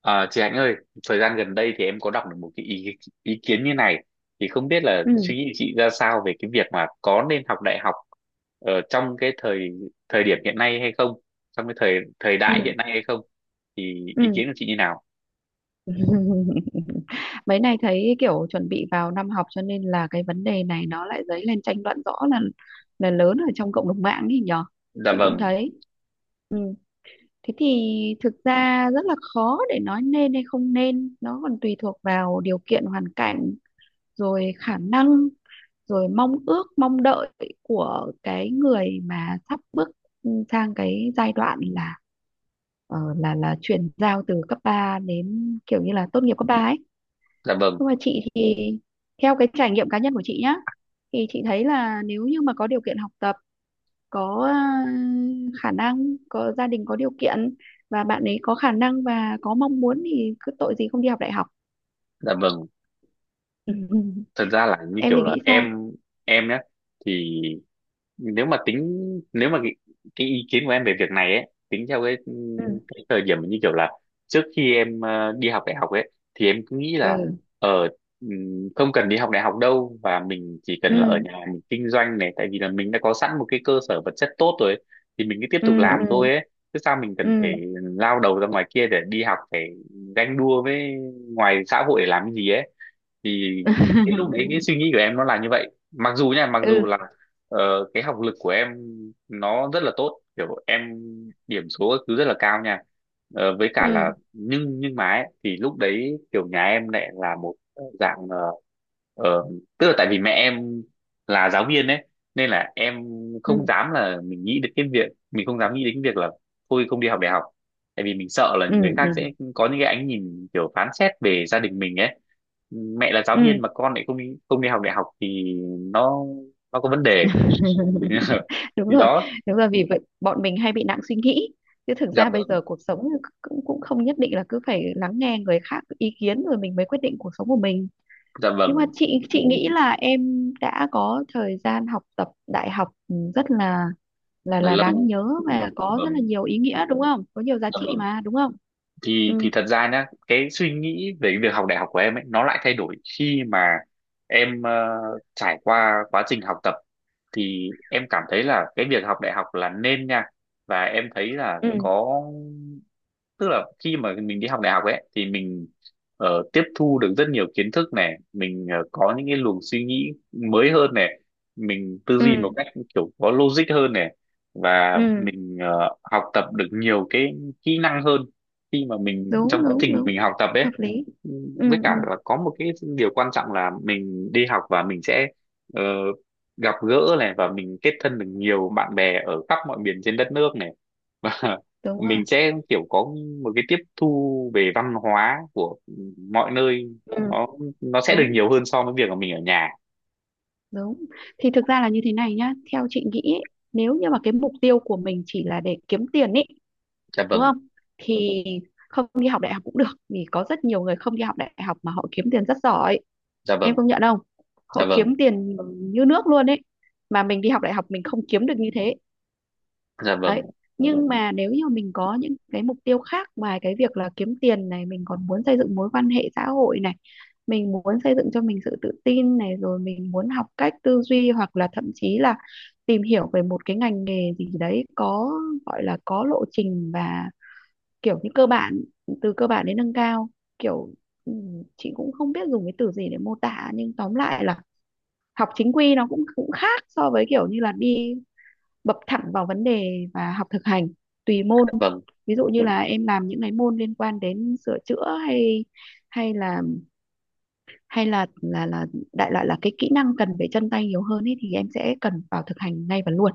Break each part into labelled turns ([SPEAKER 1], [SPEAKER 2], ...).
[SPEAKER 1] À, chị Hạnh ơi, thời gian gần đây thì em có đọc được một cái ý kiến như này, thì không biết là
[SPEAKER 2] Ừ,
[SPEAKER 1] suy nghĩ chị ra sao về cái việc mà có nên học đại học ở trong cái thời thời điểm hiện nay hay không, trong cái thời thời
[SPEAKER 2] ừ,
[SPEAKER 1] đại hiện nay hay không, thì ý kiến
[SPEAKER 2] ừ.
[SPEAKER 1] của chị như nào?
[SPEAKER 2] Mấy này thấy kiểu chuẩn bị vào năm học, cho nên là cái vấn đề này nó lại dấy lên tranh luận rõ là lớn ở trong cộng đồng mạng ấy nhở.
[SPEAKER 1] Dạ
[SPEAKER 2] Chị cũng
[SPEAKER 1] vâng.
[SPEAKER 2] thấy, ừ. Thế thì thực ra rất là khó để nói nên hay không nên, nó còn tùy thuộc vào điều kiện hoàn cảnh, rồi khả năng, rồi mong ước mong đợi của cái người mà sắp bước sang cái giai đoạn là ờ, là chuyển giao từ cấp 3 đến kiểu như là tốt nghiệp cấp 3 ấy.
[SPEAKER 1] Dạ vâng.
[SPEAKER 2] Nhưng mà chị thì theo cái trải nghiệm cá nhân của chị nhá, thì chị thấy là nếu như mà có điều kiện học tập, có ờ, khả năng, có gia đình có điều kiện, và bạn ấy có khả năng và có mong muốn, thì cứ tội gì không đi học đại học.
[SPEAKER 1] Dạ vâng.
[SPEAKER 2] Ừ, ừ.
[SPEAKER 1] Thật ra là như
[SPEAKER 2] Em
[SPEAKER 1] kiểu
[SPEAKER 2] thì
[SPEAKER 1] là
[SPEAKER 2] nghĩ sao?
[SPEAKER 1] em nhé, thì nếu mà tính, nếu mà cái ý kiến của em về việc này ấy tính theo cái,
[SPEAKER 2] Ừ,
[SPEAKER 1] cái thời điểm như kiểu là trước khi em đi học đại học ấy, thì em cứ nghĩ là
[SPEAKER 2] ừ,
[SPEAKER 1] ở không cần đi học đại học đâu, và mình chỉ cần là ở
[SPEAKER 2] ừ,
[SPEAKER 1] nhà mình kinh doanh này, tại vì là mình đã có sẵn một cái cơ sở vật chất tốt rồi ấy, thì mình cứ tiếp tục
[SPEAKER 2] ừ,
[SPEAKER 1] làm
[SPEAKER 2] ừ,
[SPEAKER 1] thôi ấy, chứ sao mình cần phải lao đầu ra ngoài kia để đi học, phải ganh đua với ngoài xã hội để làm cái gì ấy. Thì
[SPEAKER 2] ừ.
[SPEAKER 1] cái lúc đấy cái suy nghĩ của em nó là như vậy, mặc dù nha, mặc dù
[SPEAKER 2] Ừ,
[SPEAKER 1] là cái học lực của em nó rất là tốt, kiểu em điểm số các thứ rất là cao nha. Với cả
[SPEAKER 2] ừ,
[SPEAKER 1] là nhưng mà ấy, thì lúc đấy kiểu nhà em lại là một dạng ờ, tức là tại vì mẹ em là giáo viên ấy, nên là em không
[SPEAKER 2] ừ,
[SPEAKER 1] dám là mình nghĩ đến cái việc, mình không dám nghĩ đến cái việc là thôi không đi học đại học, tại vì mình sợ là
[SPEAKER 2] ừ,
[SPEAKER 1] người khác
[SPEAKER 2] ừ,
[SPEAKER 1] sẽ có những cái ánh nhìn kiểu phán xét về gia đình mình ấy. Mẹ là giáo
[SPEAKER 2] ừ.
[SPEAKER 1] viên mà con lại không đi học đại học thì nó nó có vấn đề.
[SPEAKER 2] Đúng
[SPEAKER 1] Thì
[SPEAKER 2] rồi,
[SPEAKER 1] đó.
[SPEAKER 2] đúng rồi, vì vậy bọn mình hay bị nặng suy nghĩ, chứ thực
[SPEAKER 1] Dạ
[SPEAKER 2] ra bây
[SPEAKER 1] vâng.
[SPEAKER 2] giờ cuộc sống cũng cũng không nhất định là cứ phải lắng nghe người khác ý kiến rồi mình mới quyết định cuộc sống của mình.
[SPEAKER 1] Dạ
[SPEAKER 2] Nhưng mà
[SPEAKER 1] vâng
[SPEAKER 2] chị nghĩ là em đã có thời gian học tập đại học ừ, rất là là
[SPEAKER 1] là
[SPEAKER 2] là đáng
[SPEAKER 1] lâu.
[SPEAKER 2] nhớ và có rất là
[SPEAKER 1] Vâng.
[SPEAKER 2] nhiều ý nghĩa, đúng không, có nhiều giá
[SPEAKER 1] Dạ
[SPEAKER 2] trị
[SPEAKER 1] vâng.
[SPEAKER 2] mà đúng không.
[SPEAKER 1] Thì
[SPEAKER 2] Ừ,
[SPEAKER 1] thật ra nhá, cái suy nghĩ về cái việc học đại học của em ấy nó lại thay đổi khi mà em trải qua quá trình học tập, thì em cảm thấy là cái việc học đại học là nên nha, và em thấy là
[SPEAKER 2] ừ,
[SPEAKER 1] có, tức là khi mà mình đi học đại học ấy, thì mình tiếp thu được rất nhiều kiến thức này, mình có những cái luồng suy nghĩ mới hơn này, mình tư duy
[SPEAKER 2] ừ,
[SPEAKER 1] một cách kiểu có logic hơn này, và
[SPEAKER 2] ừ.
[SPEAKER 1] mình học tập được nhiều cái kỹ năng hơn khi mà mình trong
[SPEAKER 2] Đúng,
[SPEAKER 1] quá
[SPEAKER 2] đúng,
[SPEAKER 1] trình mà
[SPEAKER 2] đúng,
[SPEAKER 1] mình học tập
[SPEAKER 2] hợp
[SPEAKER 1] ấy.
[SPEAKER 2] lý.
[SPEAKER 1] Với
[SPEAKER 2] Ừ,
[SPEAKER 1] cả
[SPEAKER 2] ừ.
[SPEAKER 1] là có một cái điều quan trọng là mình đi học và mình sẽ ờ, gặp gỡ này, và mình kết thân được nhiều bạn bè ở khắp mọi miền trên đất nước này.
[SPEAKER 2] Đúng rồi.
[SPEAKER 1] Mình sẽ kiểu có một cái tiếp thu về văn hóa của mọi nơi,
[SPEAKER 2] Ừ.
[SPEAKER 1] nó nó sẽ được
[SPEAKER 2] Đúng.
[SPEAKER 1] nhiều hơn so với việc mà mình ở nhà.
[SPEAKER 2] Đúng. Thì thực ra là như thế này nhá, theo chị nghĩ ấy, nếu như mà cái mục tiêu của mình chỉ là để kiếm tiền ấy,
[SPEAKER 1] Dạ
[SPEAKER 2] đúng
[SPEAKER 1] vâng.
[SPEAKER 2] không? Thì không đi học đại học cũng được, vì có rất nhiều người không đi học đại học mà họ kiếm tiền rất giỏi,
[SPEAKER 1] Dạ
[SPEAKER 2] em
[SPEAKER 1] vâng.
[SPEAKER 2] công nhận không?
[SPEAKER 1] Dạ
[SPEAKER 2] Họ
[SPEAKER 1] vâng.
[SPEAKER 2] kiếm tiền như nước luôn ấy. Mà mình đi học đại học mình không kiếm được như thế
[SPEAKER 1] Dạ vâng.
[SPEAKER 2] đấy. Nhưng mà nếu như mình có những cái mục tiêu khác ngoài cái việc là kiếm tiền này, mình còn muốn xây dựng mối quan hệ xã hội này, mình muốn xây dựng cho mình sự tự tin này, rồi mình muốn học cách tư duy, hoặc là thậm chí là tìm hiểu về một cái ngành nghề gì đấy có, gọi là có lộ trình và kiểu như cơ bản, từ cơ bản đến nâng cao, kiểu ừ, chị cũng không biết dùng cái từ gì để mô tả, nhưng tóm lại là học chính quy nó cũng cũng khác so với kiểu như là đi bập thẳng vào vấn đề và học thực hành tùy môn.
[SPEAKER 1] Dạ vâng.
[SPEAKER 2] Ví dụ như là em làm những cái môn liên quan đến sửa chữa, hay hay là hay là đại loại là cái kỹ năng cần về chân tay nhiều hơn ấy, thì em sẽ cần vào thực hành ngay và luôn.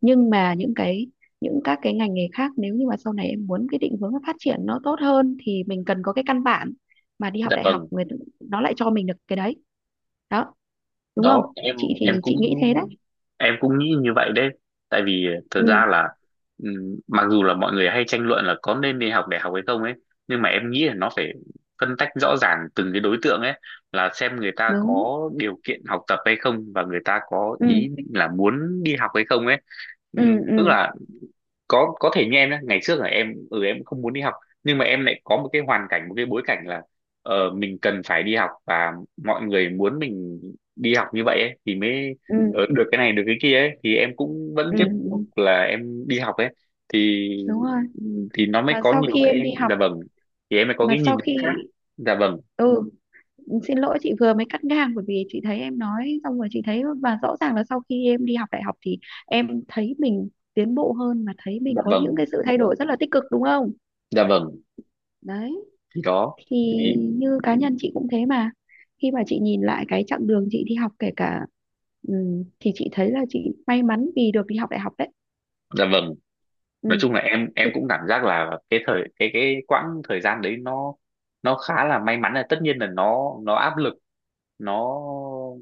[SPEAKER 2] Nhưng mà những các cái ngành nghề khác, nếu như mà sau này em muốn cái định hướng phát triển nó tốt hơn thì mình cần có cái căn bản, mà đi học
[SPEAKER 1] Dạ
[SPEAKER 2] đại học
[SPEAKER 1] vâng.
[SPEAKER 2] người nó lại cho mình được cái đấy đó, đúng không.
[SPEAKER 1] Đó, em
[SPEAKER 2] Chị
[SPEAKER 1] em
[SPEAKER 2] thì
[SPEAKER 1] cũng,
[SPEAKER 2] chị nghĩ thế đấy.
[SPEAKER 1] em cũng nghĩ như vậy đấy, tại vì thật
[SPEAKER 2] Ừ,
[SPEAKER 1] ra là mặc dù là mọi người hay tranh luận là có nên đi học đại học hay không ấy, nhưng mà em nghĩ là nó phải phân tách rõ ràng từng cái đối tượng ấy, là xem người ta
[SPEAKER 2] đúng.
[SPEAKER 1] có điều kiện học tập hay không, và người ta có
[SPEAKER 2] Ừ,
[SPEAKER 1] ý định là muốn đi học hay không ấy.
[SPEAKER 2] ừ,
[SPEAKER 1] Ừm, Tức
[SPEAKER 2] ừ,
[SPEAKER 1] là có thể như em nhé, ngày trước là em ừ, em không muốn đi học, nhưng mà em lại có một cái hoàn cảnh, một cái bối cảnh là mình cần phải đi học và mọi người muốn mình đi học như vậy ấy, thì mới
[SPEAKER 2] ừ,
[SPEAKER 1] được cái này được cái kia ấy, thì em cũng vẫn
[SPEAKER 2] ừ.
[SPEAKER 1] tiếp tục
[SPEAKER 2] Ừ,
[SPEAKER 1] là em đi học ấy. thì
[SPEAKER 2] đúng rồi,
[SPEAKER 1] thì nó mới
[SPEAKER 2] mà
[SPEAKER 1] có
[SPEAKER 2] sau
[SPEAKER 1] nhiều
[SPEAKER 2] khi
[SPEAKER 1] cái.
[SPEAKER 2] em đi học,
[SPEAKER 1] Dạ vâng. Thì em mới có
[SPEAKER 2] mà
[SPEAKER 1] cái nhìn
[SPEAKER 2] sau
[SPEAKER 1] khác.
[SPEAKER 2] khi
[SPEAKER 1] Dạ vâng.
[SPEAKER 2] ừ, xin lỗi chị vừa mới cắt ngang, bởi vì chị thấy em nói xong rồi. Chị thấy và rõ ràng là sau khi em đi học đại học thì em thấy mình tiến bộ hơn, mà thấy mình
[SPEAKER 1] Dạ
[SPEAKER 2] có những
[SPEAKER 1] vâng.
[SPEAKER 2] cái sự thay đổi rất là tích cực, đúng không.
[SPEAKER 1] Dạ vâng.
[SPEAKER 2] Đấy,
[SPEAKER 1] Thì đó.
[SPEAKER 2] thì
[SPEAKER 1] Thì.
[SPEAKER 2] như cá nhân chị cũng thế mà, khi mà chị nhìn lại cái chặng đường chị đi học kể cả ừ, thì chị thấy là chị may mắn vì được đi học đại học đấy.
[SPEAKER 1] Dạ vâng.
[SPEAKER 2] Ừ.
[SPEAKER 1] Nói chung là em
[SPEAKER 2] Chứ.
[SPEAKER 1] em cũng cảm giác là cái thời, cái quãng thời gian đấy nó khá là may mắn, là tất nhiên là nó áp lực, nó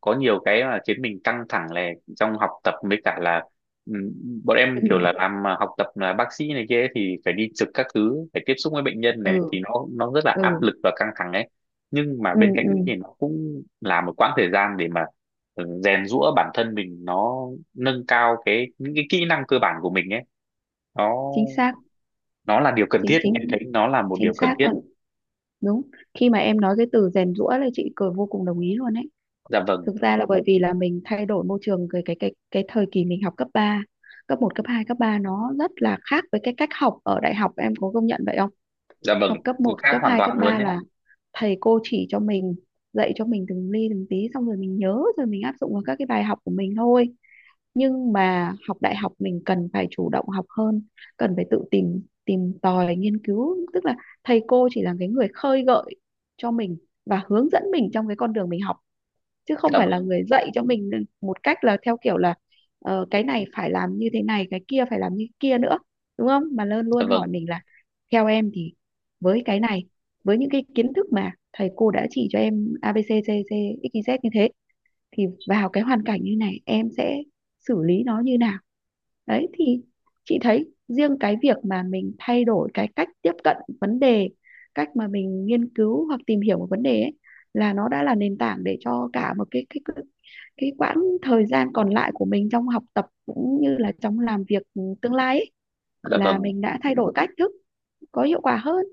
[SPEAKER 1] có nhiều cái mà khiến mình căng thẳng, là trong học tập với cả là ừm, bọn em
[SPEAKER 2] Ừ,
[SPEAKER 1] kiểu là làm à, học tập là bác sĩ này kia ấy, thì phải đi trực các thứ, phải tiếp xúc với bệnh nhân này,
[SPEAKER 2] ừ,
[SPEAKER 1] thì nó rất là áp
[SPEAKER 2] ừ,
[SPEAKER 1] lực và căng thẳng ấy. Nhưng mà
[SPEAKER 2] ừ,
[SPEAKER 1] bên cạnh đấy
[SPEAKER 2] ừ.
[SPEAKER 1] thì nó cũng là một quãng thời gian để mà rèn giũa bản thân mình, nó nâng cao cái, những cái kỹ năng cơ bản của mình ấy, nó
[SPEAKER 2] Chính xác.
[SPEAKER 1] nó là điều cần
[SPEAKER 2] chính
[SPEAKER 1] thiết, em
[SPEAKER 2] chính
[SPEAKER 1] thấy nó là một điều
[SPEAKER 2] chính
[SPEAKER 1] cần
[SPEAKER 2] xác
[SPEAKER 1] thiết.
[SPEAKER 2] luôn. Đúng. Khi mà em nói cái từ rèn giũa là chị cười, vô cùng đồng ý luôn ấy.
[SPEAKER 1] Dạ vâng.
[SPEAKER 2] Thực ra là bởi vì là mình thay đổi môi trường, cái thời kỳ mình học cấp ba, cấp một cấp 2 cấp 3 nó rất là khác với cái cách học ở đại học, em có công nhận vậy không.
[SPEAKER 1] Dạ vâng.
[SPEAKER 2] Học cấp
[SPEAKER 1] Từ
[SPEAKER 2] một
[SPEAKER 1] khác
[SPEAKER 2] cấp
[SPEAKER 1] hoàn
[SPEAKER 2] 2 cấp
[SPEAKER 1] toàn luôn
[SPEAKER 2] 3
[SPEAKER 1] đấy.
[SPEAKER 2] là thầy cô chỉ cho mình, dạy cho mình từng ly từng tí, xong rồi mình nhớ rồi mình áp dụng vào các cái bài học của mình thôi. Nhưng mà học đại học mình cần phải chủ động học hơn, cần phải tự tìm tìm tòi nghiên cứu, tức là thầy cô chỉ là cái người khơi gợi cho mình và hướng dẫn mình trong cái con đường mình học, chứ không
[SPEAKER 1] Dạ
[SPEAKER 2] phải là
[SPEAKER 1] vâng.
[SPEAKER 2] người dạy cho mình một cách là theo kiểu là ờ, cái này phải làm như thế này, cái kia phải làm như kia nữa, đúng không. Mà luôn
[SPEAKER 1] Dạ
[SPEAKER 2] luôn hỏi
[SPEAKER 1] vâng.
[SPEAKER 2] mình là theo em thì với cái này, với những cái kiến thức mà thầy cô đã chỉ cho em A B C D C X Y Z như thế, thì vào cái hoàn cảnh như này em sẽ xử lý nó như nào. Đấy, thì chị thấy riêng cái việc mà mình thay đổi cái cách tiếp cận vấn đề, cách mà mình nghiên cứu hoặc tìm hiểu một vấn đề ấy, là nó đã là nền tảng để cho cả một cái quãng thời gian còn lại của mình trong học tập cũng như là trong làm việc tương lai ấy,
[SPEAKER 1] Dạ vâng.
[SPEAKER 2] là mình đã thay đổi cách thức có hiệu quả hơn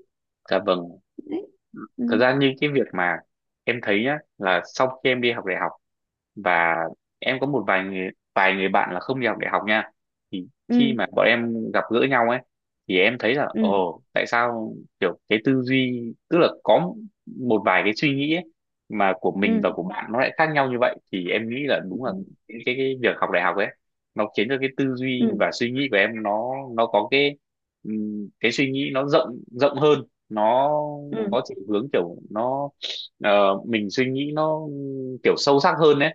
[SPEAKER 1] Dạ vâng.
[SPEAKER 2] đấy. Ừ,
[SPEAKER 1] Thật ra như cái việc mà em thấy nhá, là sau khi em đi học đại học và em có một vài người, vài người bạn là không đi học đại học nha, thì khi
[SPEAKER 2] ừ,
[SPEAKER 1] mà bọn em gặp gỡ nhau ấy, thì em thấy là
[SPEAKER 2] ừ,
[SPEAKER 1] ồ tại sao kiểu cái tư duy, tức là có một vài cái suy nghĩ ấy, mà của mình và
[SPEAKER 2] ừ,
[SPEAKER 1] của bạn nó lại khác nhau như vậy, thì em nghĩ là
[SPEAKER 2] ừ,
[SPEAKER 1] đúng là
[SPEAKER 2] ừ,
[SPEAKER 1] cái việc học đại học ấy nó khiến cho cái tư
[SPEAKER 2] ừ,
[SPEAKER 1] duy và suy nghĩ của em nó có cái suy nghĩ nó rộng rộng hơn, nó
[SPEAKER 2] ừ.
[SPEAKER 1] có chiều hướng kiểu nó mình suy nghĩ nó kiểu sâu sắc hơn đấy.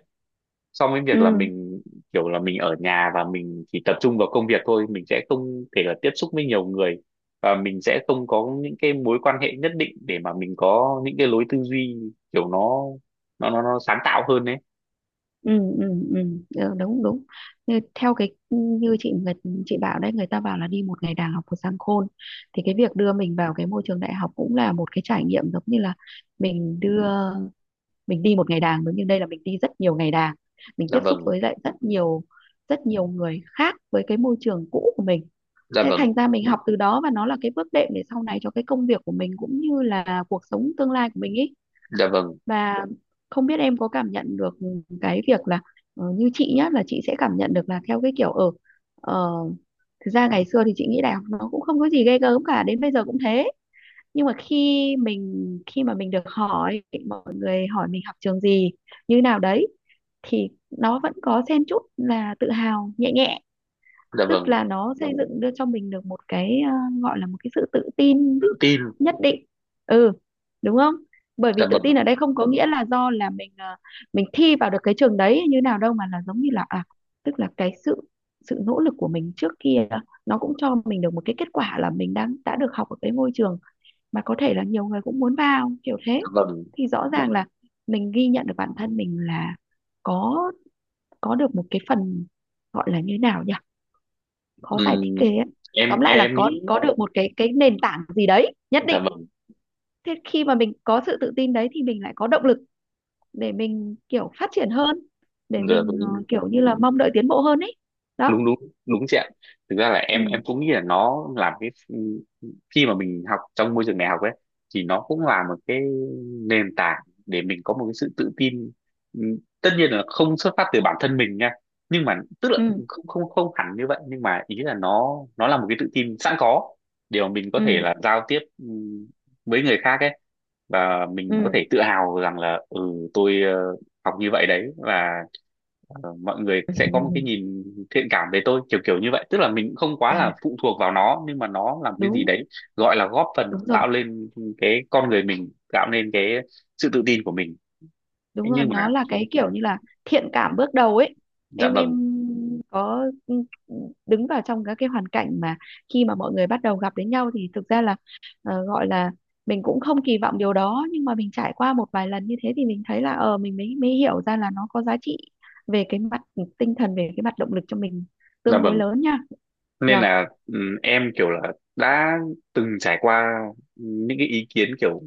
[SPEAKER 1] Xong cái việc là
[SPEAKER 2] Ừ.
[SPEAKER 1] mình kiểu là mình ở nhà và mình chỉ tập trung vào công việc thôi, mình sẽ không thể là tiếp xúc với nhiều người, và mình sẽ không có những cái mối quan hệ nhất định để mà mình có những cái lối tư duy kiểu nó, nó sáng tạo hơn đấy.
[SPEAKER 2] Ừ, ừ, ừ. Ờ, đúng, đúng. Như theo cái ừ, như chị, người chị bảo đấy, người ta bảo là đi một ngày đàng học một sàng khôn, thì cái việc đưa mình vào cái môi trường đại học cũng là một cái trải nghiệm giống như là mình đưa mình đi một ngày đàng, giống như đây là mình đi rất nhiều ngày đàng, mình
[SPEAKER 1] Dạ
[SPEAKER 2] tiếp xúc
[SPEAKER 1] vâng.
[SPEAKER 2] với lại rất nhiều, rất nhiều người khác với cái môi trường cũ của mình.
[SPEAKER 1] Dạ
[SPEAKER 2] Thế
[SPEAKER 1] vâng.
[SPEAKER 2] thành ra mình học từ đó, và nó là cái bước đệm để sau này cho cái công việc của mình cũng như là cuộc sống tương lai của mình ý.
[SPEAKER 1] Dạ vâng.
[SPEAKER 2] Và không biết em có cảm nhận được cái việc là ờ, như chị nhá, là chị sẽ cảm nhận được là theo cái kiểu ở uh, thực ra ngày xưa thì chị nghĩ đại học nó cũng không có gì ghê gớm cả, đến bây giờ cũng thế. Nhưng mà khi mình, khi mà mình được hỏi, mọi người hỏi mình học trường gì như nào đấy, thì nó vẫn có xen chút là tự hào nhẹ nhẹ,
[SPEAKER 1] Dạ
[SPEAKER 2] tức
[SPEAKER 1] vâng.
[SPEAKER 2] là nó xây dựng đưa cho mình được một cái ờ, gọi là một cái sự tự
[SPEAKER 1] Tự
[SPEAKER 2] tin
[SPEAKER 1] tin.
[SPEAKER 2] nhất định. Ừ, đúng không, bởi vì
[SPEAKER 1] Dạ
[SPEAKER 2] tự
[SPEAKER 1] vâng.
[SPEAKER 2] tin ở đây không có nghĩa là do là mình ờ, mình thi vào được cái trường đấy như nào đâu, mà là giống như là à, tức là cái sự, sự nỗ lực của mình trước kia nó cũng cho mình được một cái kết quả là mình đang đã được học ở cái ngôi trường mà có thể là nhiều người cũng muốn vào kiểu thế.
[SPEAKER 1] Dạ vâng.
[SPEAKER 2] Thì rõ ràng là mình ghi nhận được bản thân mình là có có được một cái phần, gọi là như nào nhỉ, khó giải thích
[SPEAKER 1] Ừm,
[SPEAKER 2] ghê ấy.
[SPEAKER 1] em
[SPEAKER 2] Tóm lại là
[SPEAKER 1] em
[SPEAKER 2] có
[SPEAKER 1] nghĩ.
[SPEAKER 2] có được một cái nền tảng gì đấy nhất
[SPEAKER 1] Dạ
[SPEAKER 2] định.
[SPEAKER 1] vâng.
[SPEAKER 2] Thế khi mà mình có sự tự tin đấy thì mình lại có động lực để mình kiểu phát triển hơn, để
[SPEAKER 1] Dạ vâng.
[SPEAKER 2] mình ờ, kiểu như là mong đợi tiến bộ hơn ấy
[SPEAKER 1] đúng
[SPEAKER 2] đó.
[SPEAKER 1] đúng đúng chị ạ. Thực ra là em
[SPEAKER 2] Ừ,
[SPEAKER 1] em cũng nghĩ là nó làm cái, khi mà mình học trong môi trường đại học ấy, thì nó cũng là một cái nền tảng để mình có một cái sự tự tin. Tất nhiên là không xuất phát từ bản thân mình nha, nhưng mà tức là
[SPEAKER 2] ừ,
[SPEAKER 1] không không không hẳn như vậy, nhưng mà ý là nó là một cái tự tin sẵn có để mà mình có thể
[SPEAKER 2] ừ,
[SPEAKER 1] là giao tiếp với người khác ấy, và mình có
[SPEAKER 2] ừ,
[SPEAKER 1] thể tự hào rằng là ừ, tôi học như vậy đấy, và mọi người sẽ có một
[SPEAKER 2] ừ.
[SPEAKER 1] cái nhìn thiện cảm về tôi, kiểu kiểu như vậy, tức là mình cũng không quá là phụ thuộc vào nó, nhưng mà nó làm cái gì
[SPEAKER 2] Đúng,
[SPEAKER 1] đấy gọi là góp phần
[SPEAKER 2] đúng rồi,
[SPEAKER 1] tạo lên cái con người mình, tạo nên cái sự tự tin của mình. Thế
[SPEAKER 2] đúng rồi,
[SPEAKER 1] nhưng mà.
[SPEAKER 2] nó là cái kiểu như là thiện cảm bước đầu ấy.
[SPEAKER 1] Dạ
[SPEAKER 2] Em
[SPEAKER 1] vâng.
[SPEAKER 2] có ừ, ừ, đứng vào trong các cái hoàn cảnh mà khi mà mọi người bắt đầu gặp đến nhau, thì thực ra là ờ, gọi là mình cũng không kỳ vọng điều đó, nhưng mà mình trải qua một vài lần như thế thì mình thấy là ờ, mình mới mới hiểu ra là nó có giá trị về cái mặt tinh thần, về cái mặt động lực cho mình
[SPEAKER 1] Dạ
[SPEAKER 2] tương đối
[SPEAKER 1] vâng.
[SPEAKER 2] lớn nha.
[SPEAKER 1] Nên
[SPEAKER 2] Nhờ.
[SPEAKER 1] là ừ, em kiểu là đã từng trải qua những cái ý kiến kiểu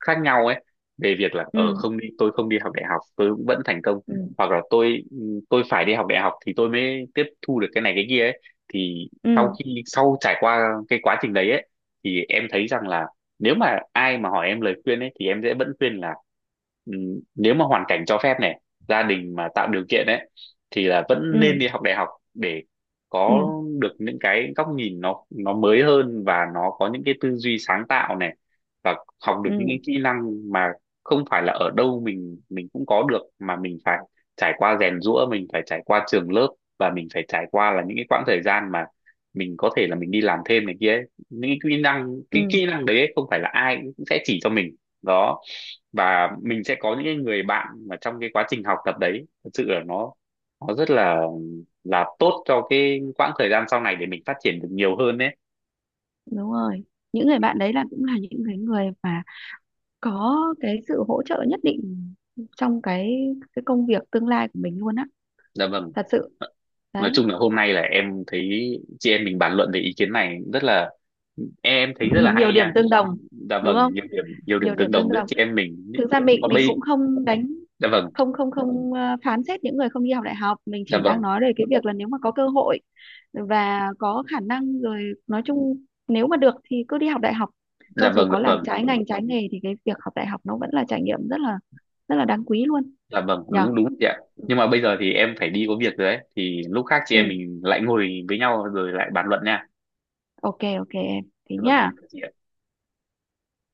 [SPEAKER 1] khác nhau ấy, về việc là
[SPEAKER 2] Ừ,
[SPEAKER 1] ở không đi, tôi không đi học đại học tôi cũng vẫn thành công,
[SPEAKER 2] ừ,
[SPEAKER 1] hoặc là tôi phải đi học đại học thì tôi mới tiếp thu được cái này cái kia ấy, thì sau
[SPEAKER 2] ừ,
[SPEAKER 1] khi sau trải qua cái quá trình đấy ấy, thì em thấy rằng là nếu mà ai mà hỏi em lời khuyên ấy, thì em sẽ vẫn khuyên là ừ, nếu mà hoàn cảnh cho phép này, gia đình mà tạo điều kiện ấy, thì là vẫn
[SPEAKER 2] ừ,
[SPEAKER 1] nên đi học đại học để có
[SPEAKER 2] ừ,
[SPEAKER 1] được những cái góc nhìn nó mới hơn, và nó có những cái tư duy sáng tạo này, và học được
[SPEAKER 2] ừ,
[SPEAKER 1] những cái kỹ năng mà không phải là ở đâu mình cũng có được, mà mình phải trải qua rèn giũa, mình phải trải qua trường lớp, và mình phải trải qua là những cái quãng thời gian mà mình có thể là mình đi làm thêm này kia ấy. Những cái kỹ năng, cái
[SPEAKER 2] ừ.
[SPEAKER 1] kỹ năng đấy ấy, không phải là ai cũng sẽ chỉ cho mình đó, và mình sẽ có những cái người bạn mà trong cái quá trình học tập đấy thật sự là nó, nó rất là tốt cho cái quãng thời gian sau này để mình phát triển được nhiều hơn đấy.
[SPEAKER 2] Đúng rồi, những người bạn đấy là cũng là những cái người mà có cái sự hỗ trợ nhất định trong cái công việc tương lai của mình luôn á,
[SPEAKER 1] Dạ vâng.
[SPEAKER 2] thật sự
[SPEAKER 1] Nói
[SPEAKER 2] đấy.
[SPEAKER 1] chung là hôm nay là em thấy chị em mình bàn luận về ý kiến này rất là, em thấy rất là
[SPEAKER 2] Nhiều
[SPEAKER 1] hay
[SPEAKER 2] điểm
[SPEAKER 1] nha.
[SPEAKER 2] tương đồng,
[SPEAKER 1] Dạ
[SPEAKER 2] đúng
[SPEAKER 1] vâng,
[SPEAKER 2] không.
[SPEAKER 1] nhiều điểm
[SPEAKER 2] Nhiều
[SPEAKER 1] tương
[SPEAKER 2] điểm tương
[SPEAKER 1] đồng giữa
[SPEAKER 2] đồng,
[SPEAKER 1] chị em mình.
[SPEAKER 2] thực ra
[SPEAKER 1] Và
[SPEAKER 2] mình cũng
[SPEAKER 1] bây.
[SPEAKER 2] không đánh,
[SPEAKER 1] Dạ vâng.
[SPEAKER 2] không, không, không, ờ, phán xét những người không đi học đại học. Mình
[SPEAKER 1] Dạ
[SPEAKER 2] chỉ
[SPEAKER 1] vâng.
[SPEAKER 2] đang nói về cái việc là nếu mà có cơ hội và có khả năng, rồi nói chung nếu mà được thì cứ đi học đại học, cho
[SPEAKER 1] Dạ
[SPEAKER 2] dù
[SPEAKER 1] vâng. Dạ
[SPEAKER 2] có làm
[SPEAKER 1] vâng.
[SPEAKER 2] trái ngành trái nghề thì cái việc học đại học nó vẫn là trải nghiệm rất là, rất là đáng quý luôn
[SPEAKER 1] Dạ vâng.
[SPEAKER 2] nhở.
[SPEAKER 1] Đúng đúng chị ạ. Nhưng mà bây giờ thì em phải đi có việc rồi đấy, thì lúc khác chị
[SPEAKER 2] Ừ.
[SPEAKER 1] em mình lại ngồi với nhau rồi lại bàn luận nha.
[SPEAKER 2] OK, ok em, thế
[SPEAKER 1] Dạ vâng, em
[SPEAKER 2] nhá.
[SPEAKER 1] chào chị ạ.